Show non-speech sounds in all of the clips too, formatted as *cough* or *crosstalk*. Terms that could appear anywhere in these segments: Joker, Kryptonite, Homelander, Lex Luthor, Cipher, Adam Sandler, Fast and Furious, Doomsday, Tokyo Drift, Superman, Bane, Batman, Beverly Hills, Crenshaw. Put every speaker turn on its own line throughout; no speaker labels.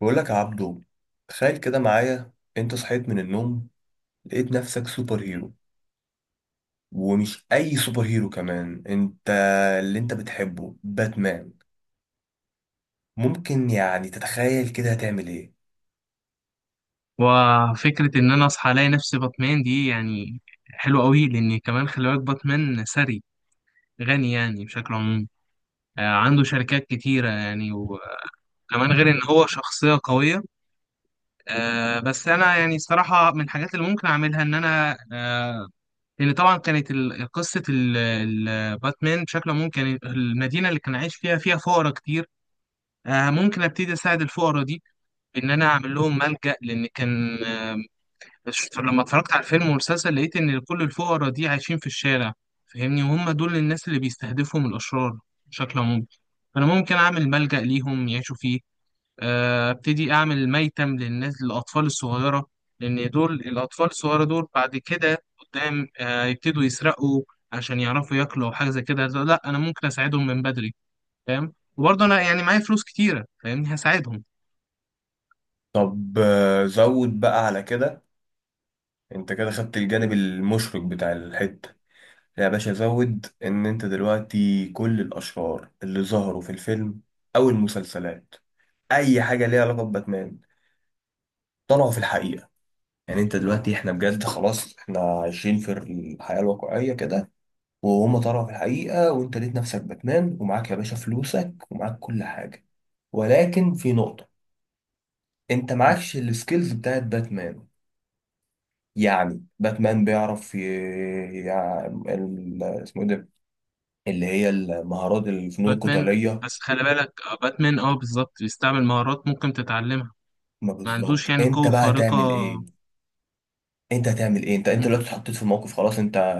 بقول لك يا عبدو، تخيل كده معايا، انت صحيت من النوم لقيت نفسك سوبر هيرو. ومش اي سوبر هيرو كمان، انت اللي انت بتحبه، باتمان. ممكن يعني تتخيل كده هتعمل ايه؟
وفكرة إن أنا أصحى ألاقي نفسي باتمان دي يعني حلوة أوي، لأن كمان خلي بالك باتمان ثري غني يعني بشكل عمومي. عنده شركات كتيرة يعني، وكمان غير إن هو شخصية قوية. بس أنا يعني صراحة من الحاجات اللي ممكن أعملها إن أنا لأن طبعا كانت قصة باتمان بشكل عمومي، كان المدينة اللي كان عايش فيها فيها فقراء كتير. ممكن أبتدي أساعد الفقراء دي، إن أنا أعمل لهم ملجأ، لأن كان لما اتفرجت على الفيلم والمسلسل لقيت ان كل الفقراء دي عايشين في الشارع، فاهمني، وهم دول الناس اللي بيستهدفهم الاشرار بشكل عام. فانا ممكن اعمل ملجأ ليهم يعيشوا فيه. ابتدي اعمل ميتم للناس، للاطفال الصغيره، لان دول الاطفال الصغيره دول بعد كده قدام يبتدوا يسرقوا عشان يعرفوا ياكلوا او حاجه زي كده. لا، انا ممكن اساعدهم من بدري، فاهم، وبرضه انا
مم.
يعني معايا فلوس كتيره، فاهمني، هساعدهم.
طب زود بقى على كده. انت كده خدت الجانب المشرق بتاع الحتة يا باشا. زود ان انت دلوقتي كل الاشرار اللي ظهروا في الفيلم او المسلسلات، اي حاجة ليها علاقة بباتمان، طلعوا في الحقيقة. يعني انت دلوقتي احنا بجد خلاص احنا عايشين في الحياة الواقعية كده، وهما طلعوا في الحقيقة، وانت لقيت نفسك باتمان، ومعاك يا باشا فلوسك ومعاك كل حاجة. ولكن في نقطة، انت معكش السكيلز بتاعت باتمان. يعني باتمان بيعرف اسمه ايه ده، اللي هي المهارات، الفنون
باتمان.
القتالية.
بس خلي بالك باتمان، اه بالظبط بيستعمل مهارات ممكن تتعلمها.
ما
ما عندوش
بالظبط
يعني
انت
قوة
بقى
خارقة.
هتعمل ايه؟ انت هتعمل ايه؟ انت
مم،
دلوقتي اتحطيت في موقف خلاص. انت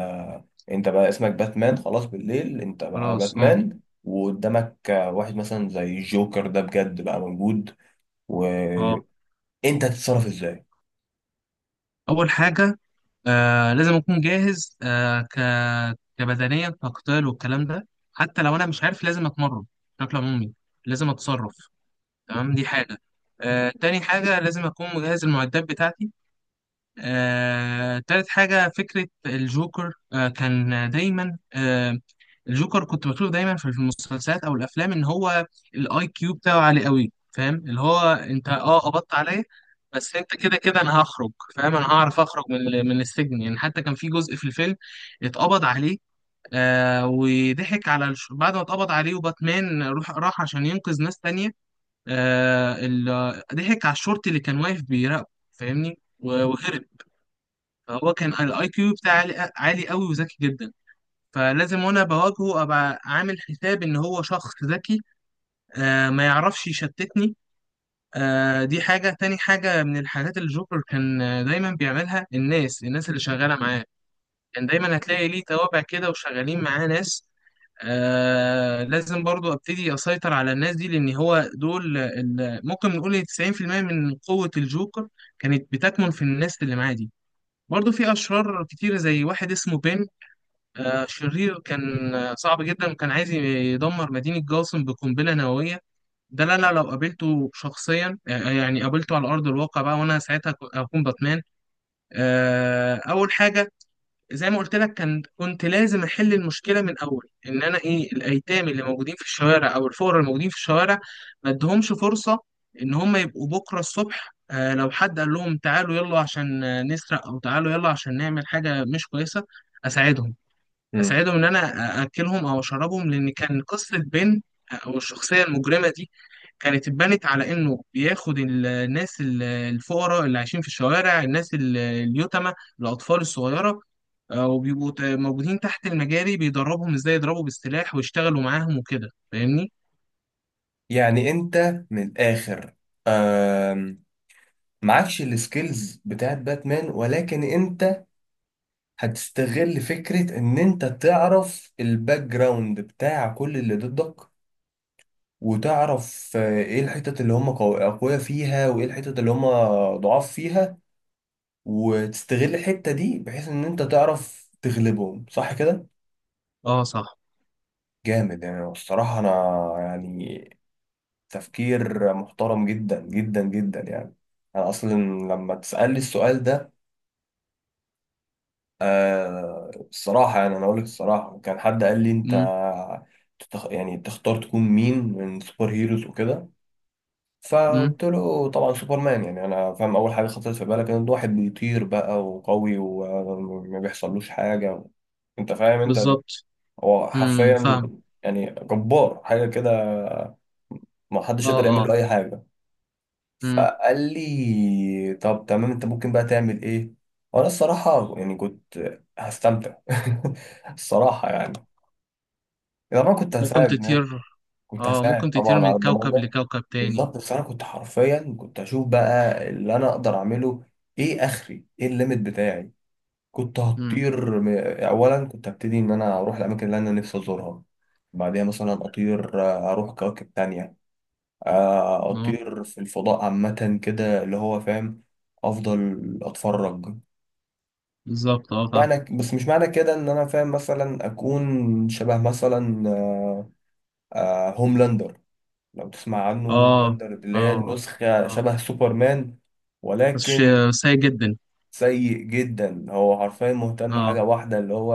انت بقى اسمك باتمان خلاص، بالليل انت بقى
خلاص اه.
باتمان، وقدامك واحد مثلا زي الجوكر ده بجد بقى موجود،
اه،
وانت هتتصرف ازاي؟
أول حاجة. لازم أكون جاهز، كبدنيا، كقتال والكلام ده. حتى لو أنا مش عارف لازم أتمرن بشكل عمومي، لازم أتصرف، تمام، دي حاجة. تاني حاجة، لازم أكون مجهز المعدات بتاعتي. تالت حاجة، فكرة الجوكر. كان دايما الجوكر كنت بشوفه دايما في المسلسلات أو الأفلام، إن هو الأي كيو بتاعه عالي قوي. فاهم اللي هو: أنت أه قبضت عليا، بس أنت كده كده أنا هخرج. فاهم، أنا هعرف أخرج من السجن. يعني حتى كان في جزء في الفيلم اتقبض عليه، وضحك على بعد ما اتقبض عليه وباتمان راح عشان ينقذ ناس تانية. آه ال... ضحك على الشرطي اللي كان واقف بيراقبه، فاهمني، وهرب. هو كان الاي كيو بتاعه عالي عالي قوي وذكي جدا. فلازم وانا بواجهه ابقى عامل حساب ان هو شخص ذكي. ما يعرفش يشتتني. دي حاجة. تاني حاجة من الحاجات اللي جوكر كان دايما بيعملها، الناس اللي شغالة معاه. كان دايما هتلاقي ليه توابع كده، وشغالين معاه ناس. لازم برضو ابتدي اسيطر على الناس دي، لان هو دول ممكن نقول 90% من قوة الجوكر كانت بتكمن في الناس اللي معاه دي. برضه في أشرار كتيرة زي واحد اسمه بين. شرير كان صعب جدا، وكان عايز يدمر مدينة جاثم بقنبلة نووية. ده لا لا لو قابلته شخصيا، يعني قابلته على أرض الواقع بقى، وأنا ساعتها هكون باتمان. أول حاجة، زي ما قلت لك، كنت لازم أحل المشكلة من أول. إن أنا إيه، الأيتام اللي موجودين في الشوارع أو الفقراء الموجودين في الشوارع، ما أديهمش فرصة إن هم يبقوا بكرة الصبح لو حد قال لهم تعالوا يلا عشان نسرق، أو تعالوا يلا عشان نعمل حاجة مش كويسة. أساعدهم،
مم.
اساعدهم ان انا اكلهم او اشربهم، لان كان قصه بن او الشخصيه المجرمه دي كانت اتبنت على انه بياخد الناس الفقراء اللي عايشين في الشوارع، الناس اليتامى، الاطفال الصغيره. وبيبقوا موجودين تحت المجاري، بيدربهم ازاي يضربوا بالسلاح ويشتغلوا معاهم وكده، فاهمني.
يعني انت من الاخر، آم، معكش السكيلز بتاعت باتمان، ولكن انت هتستغل فكرة ان انت تعرف الباك جراوند بتاع كل اللي ضدك، وتعرف ايه الحتت اللي هم اقوياء فيها، وايه الحتت اللي هم ضعاف فيها، وتستغل الحتة دي بحيث ان انت تعرف تغلبهم. صح كده؟
اه صح.
جامد. يعني الصراحة انا، يعني، تفكير محترم جدا جدا جدا يعني. انا اصلا لما تسألني السؤال ده، الصراحة يعني، انا اقول لك الصراحة، كان حد قال لي: انت
امم.
يعني تختار تكون مين من سوبر هيروز وكده.
امم.
فقلت له طبعا سوبرمان. يعني انا فاهم اول حاجه خطرت في بالك ان ده واحد بيطير بقى وقوي وما بيحصلوش حاجه. انت فاهم؟ انت
بالظبط.
هو
امم،
حرفيا
فاهم.
يعني جبار، حاجه كده ما حدش
اه.
يقدر يعمل
اه.
له اي حاجه.
امم،
فقال لي طب تمام، انت ممكن بقى تعمل ايه؟ وانا الصراحه يعني كنت هستمتع *laughs* الصراحه يعني. طبعا كنت
ممكن
هساعد،
تطير.
كنت
اه،
هساعد
ممكن تطير
طبعا
من
على الضمان
كوكب
ده.
لكوكب تاني.
بالظبط، بس انا كنت حرفيا كنت اشوف بقى اللي انا اقدر اعمله ايه، اخري ايه الليميت بتاعي. كنت
امم.
هطير اولا كنت هبتدي ان انا اروح الاماكن اللي انا نفسي ازورها، بعديها مثلا اطير اروح كواكب تانية،
اه،
اطير في الفضاء عامة كده اللي هو فاهم، افضل اتفرج
بالظبط. اه، فاهم.
معنى. بس مش معنى كده ان انا فاهم مثلا اكون شبه مثلا هوملاندر. لو تسمع عنه،
اه.
ملاندر اللي هي
اه.
نسخة
اه،
شبه سوبرمان،
بس
ولكن
شيء سيء جدا.
سيء جدا. هو حرفيا مهتم
اه.
حاجة واحدة اللي هو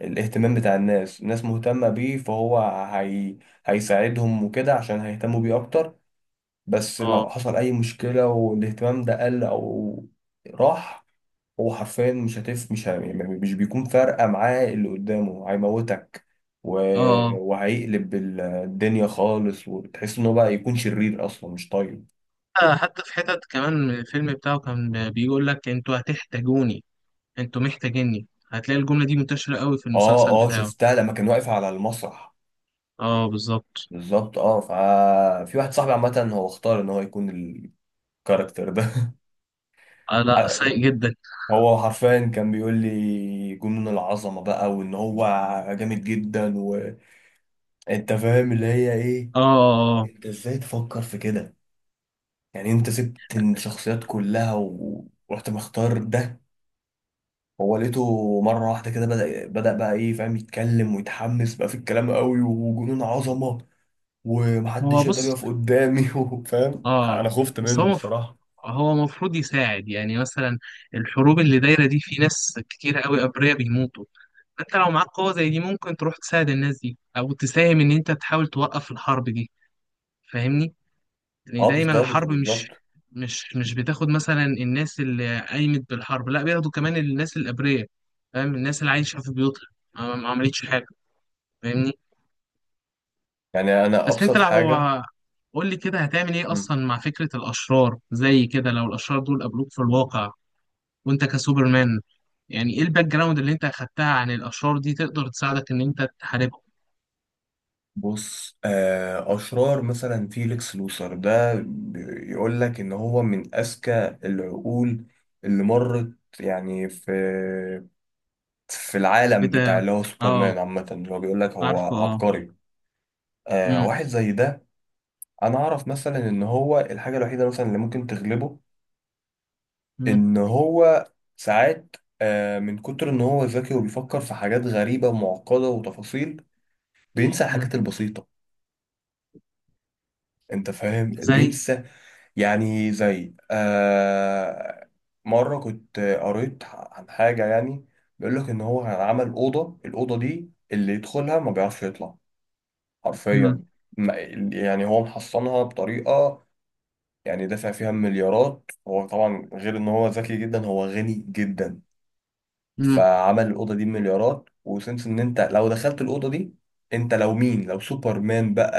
الاهتمام بتاع الناس، الناس مهتمة بيه، فهو هي... هيساعدهم وكده عشان هيهتموا بيه أكتر. بس لو
اه.
حصل أي مشكلة والاهتمام ده قل أو راح، هو حرفيا مش هتف مش ه... يعني مش بيكون فارقة معاه اللي قدامه هيموتك، و...
اه.
وهيقلب الدنيا خالص، وتحس ان هو بقى يكون شرير اصلا مش طيب.
حتى في حتت كمان الفيلم بتاعه كان بيقول لك: انتوا هتحتاجوني، انتوا محتاجيني. هتلاقي الجملة دي منتشرة قوي في المسلسل
اه اه،
بتاعه.
شفتها لما كان واقف على المسرح.
اه، بالظبط.
بالظبط اه. ففي واحد صاحبي عامة هو اختار ان هو يكون الكاركتر ده.
آه، لا
*laughs*
سيء جدا.
هو حرفيا كان بيقول لي جنون العظمة بقى، وان هو جامد جدا، وانت فاهم اللي هي ايه.
اه. آه. آه.
انت ازاي تفكر في كده؟ يعني انت سبت الشخصيات كلها ورحت مختار ده؟ هو لقيته مرة واحدة كده بدأ بقى ايه فاهم، يتكلم ويتحمس بقى في الكلام قوي، وجنون عظمة ومحدش
هو
يقدر
بص.
يقف قدامي. *laughs* فاهم، انا
اه،
خفت
بس هو
منه الصراحة.
هو المفروض يساعد. يعني مثلا الحروب اللي دايرة دي في ناس كتير قوي أبرياء بيموتوا، انت لو معاك قوة زي دي ممكن تروح تساعد الناس دي او تساهم ان انت تحاول توقف الحرب دي، فاهمني. يعني
اه،
دايما
بالظبط
الحرب
بالظبط
مش بتاخد مثلا الناس اللي قايمت بالحرب، لا، بياخدوا كمان الناس الابرياء، فاهم، الناس اللي عايشة في بيوتها ما عملتش حاجة، فاهمني.
يعني انا
بس انت
ابسط
لو...
حاجة.
قول لي كده هتعمل ايه
مم.
اصلا مع فكرة الاشرار زي كده، لو الاشرار دول قابلوك في الواقع وانت كسوبرمان، يعني ايه الباك جراوند اللي انت اخدتها عن الاشرار دي تقدر تساعدك ان انت تحاربهم؟
بص، اشرار مثلا فيليكس لوثر ده، يقول لك ان هو من اذكى العقول اللي مرت يعني في في العالم
بت...
بتاع اللي هو
اه،
سوبرمان عامة، اللي هو بيقول لك هو
عارفه اه.
عبقري.
مم.
واحد زي ده، أنا أعرف مثلا إن هو الحاجة الوحيدة مثلا اللي ممكن تغلبه،
مم.
إن هو ساعات من كتر إن هو ذكي وبيفكر في حاجات غريبة ومعقدة وتفاصيل، بينسى
مم.
الحاجات البسيطة. أنت فاهم،
زي.
بينسى. يعني زي مرة كنت قريت عن حاجة، يعني بيقول لك إن هو عمل أوضة، الأوضة دي اللي يدخلها ما بيعرفش يطلع،
مم.
حرفيا. ما- يعني هو محصنها بطريقة، يعني دافع فيها مليارات، هو طبعا غير ان هو ذكي جدا هو غني جدا،
مم.
فعمل الأوضة دي مليارات وسنس ان انت لو دخلت الأوضة دي، انت لو مين، لو سوبرمان بقى،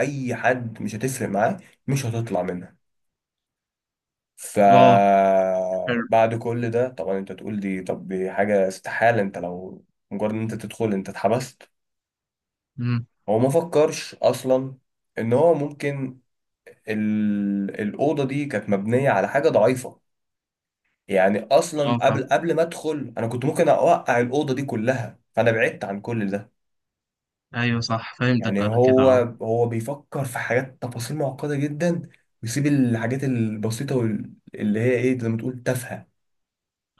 اي حد، مش هتفرق معاه، مش هتطلع منها.
اه، حلو.
فبعد كل ده طبعا انت تقول دي، طب دي حاجة استحالة، انت لو مجرد ان انت تدخل انت اتحبست.
مم.
هو ما فكرش اصلا ان هو ممكن الأوضة دي كانت مبنية على حاجة ضعيفة. يعني
اه،
أصلا
فاهم.
قبل ما أدخل، أنا كنت ممكن أوقع الأوضة دي كلها، فأنا بعدت عن كل ده.
ايوه صح، فهمتك
يعني
انا كده،
هو،
اه.
هو بيفكر في حاجات تفاصيل معقدة جدا، ويسيب الحاجات البسيطة اللي هي إيه زي ما تقول، تافهة.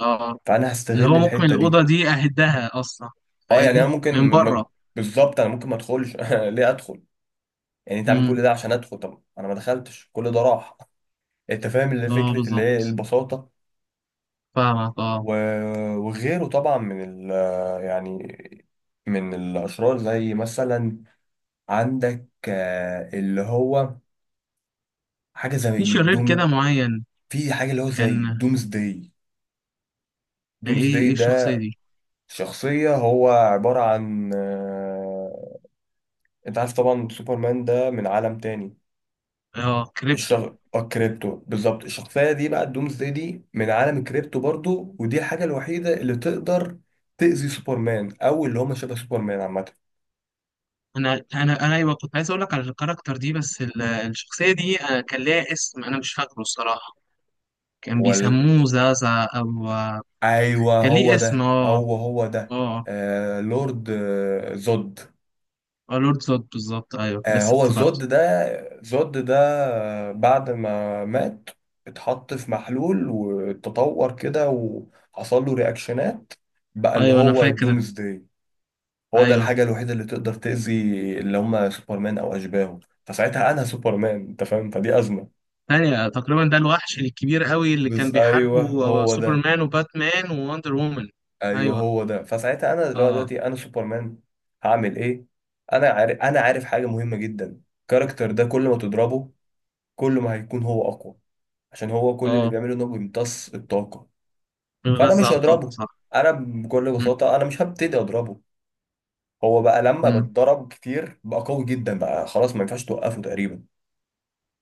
اه،
فأنا
اللي
هستغل
هو ممكن
الحتة دي.
الأوضة دي أهدها أصلا،
أه يعني أنا
فاهمني،
ممكن
من بره.
بالظبط أنا ممكن ما أدخلش. *laughs* ليه أدخل؟ يعني أنت عامل كل
مم.
ده عشان أدخل، طب أنا ما دخلتش، كل ده راح. أنت فاهم اللي
اه
فكرة اللي هي
بالظبط،
البساطة.
فاهمك اه.
وغيره طبعا من ال يعني من الأشرار زي مثلا، عندك اللي هو حاجة
في
زي
شرير
الدوم،
كده معين،
في حاجة اللي هو زي
كان...
دومز داي.
ده
دومز داي
ايه الشخصية
ده
دي؟
شخصية، هو عبارة عن انت عارف طبعا سوبرمان ده من عالم تاني،
اه، كريبتو.
الكريبتو، بالظبط. الشخصية دي بقى، الدومز داي دي، من عالم الكريبتو برضو، ودي الحاجة الوحيدة اللي تقدر تأذي سوبرمان أو اللي هم شبه سوبرمان عامة.
انا ايوه، كنت عايز اقول لك على الكاركتر دي، بس الشخصيه دي أنا كان ليها اسم، انا مش فاكره الصراحه. كان
هو،
بيسموه زازا او
ايوه
كان ليه
هو
اسم
ده،
اه.
هو ده.
اه.
لورد زود.
اه، لورد زود بالظبط، ايوه لسه
هو زود
افتكرته.
ده، زود ده، بعد ما مات اتحط في محلول وتطور كده وحصل له رياكشنات، بقى اللي
ايوه انا
هو
فاكر.
الدومز داي. هو ده
ايوه،
الحاجة الوحيدة اللي تقدر تأذي اللي هم سوبرمان أو أشباهه. فساعتها أنا سوبرمان، أنت فاهم، فدي أزمة.
ثانية تقريبا ده الوحش الكبير قوي اللي كان
بس أيوه
بيحاربه
هو ده.
سوبرمان وباتمان ووندر وومن.
ايوه
ايوه.
هو ده. فساعتها انا
اه.
دلوقتي انا سوبرمان، هعمل ايه؟ انا عارف حاجه مهمه جدا، الكاركتر ده كل ما تضربه، كل ما هيكون هو اقوى، عشان هو كل اللي
اه
بيعمله انه بيمتص الطاقه. فانا
بيغذى
مش
على الطاقة،
هضربه.
صح.
انا بكل
مم.
بساطه انا مش هبتدي اضربه. هو بقى لما
مم.
بتضرب كتير بقى قوي جدا بقى خلاص ما ينفعش توقفه تقريبا.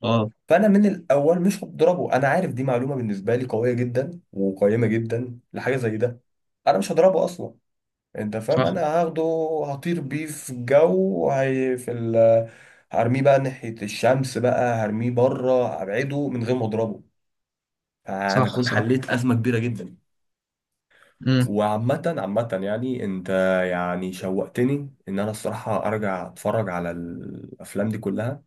اه.
فانا من الاول مش هضربه. انا عارف دي معلومه بالنسبه لي قويه جدا وقيمه جدا لحاجه زي ده. انا مش هضربه اصلا. انت فاهم،
صح
انا هاخده هطير بيه في الجو، هي في هرميه بقى ناحية الشمس، بقى هرميه بره، هبعده من غير ما اضربه. فانا
صح
اكون
صح.
حليت ازمة كبيرة جدا.
مم.
وعامة، عامة يعني، انت يعني شوقتني ان انا الصراحة ارجع اتفرج على الافلام دي كلها.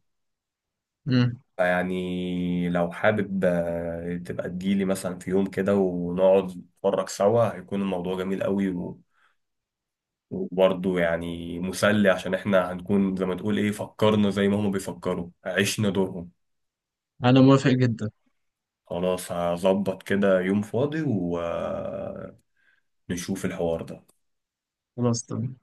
مم.
يعني لو حابب تبقى تجيلي مثلا في يوم كده ونقعد نتفرج سوا، هيكون الموضوع جميل قوي. وبرضه يعني مسلي، عشان احنا هنكون زي ما تقول ايه فكرنا زي ما هما بيفكروا، عشنا دورهم.
انا موافق جدا.
خلاص، هظبط كده يوم فاضي ونشوف الحوار ده.
خلاص تمام.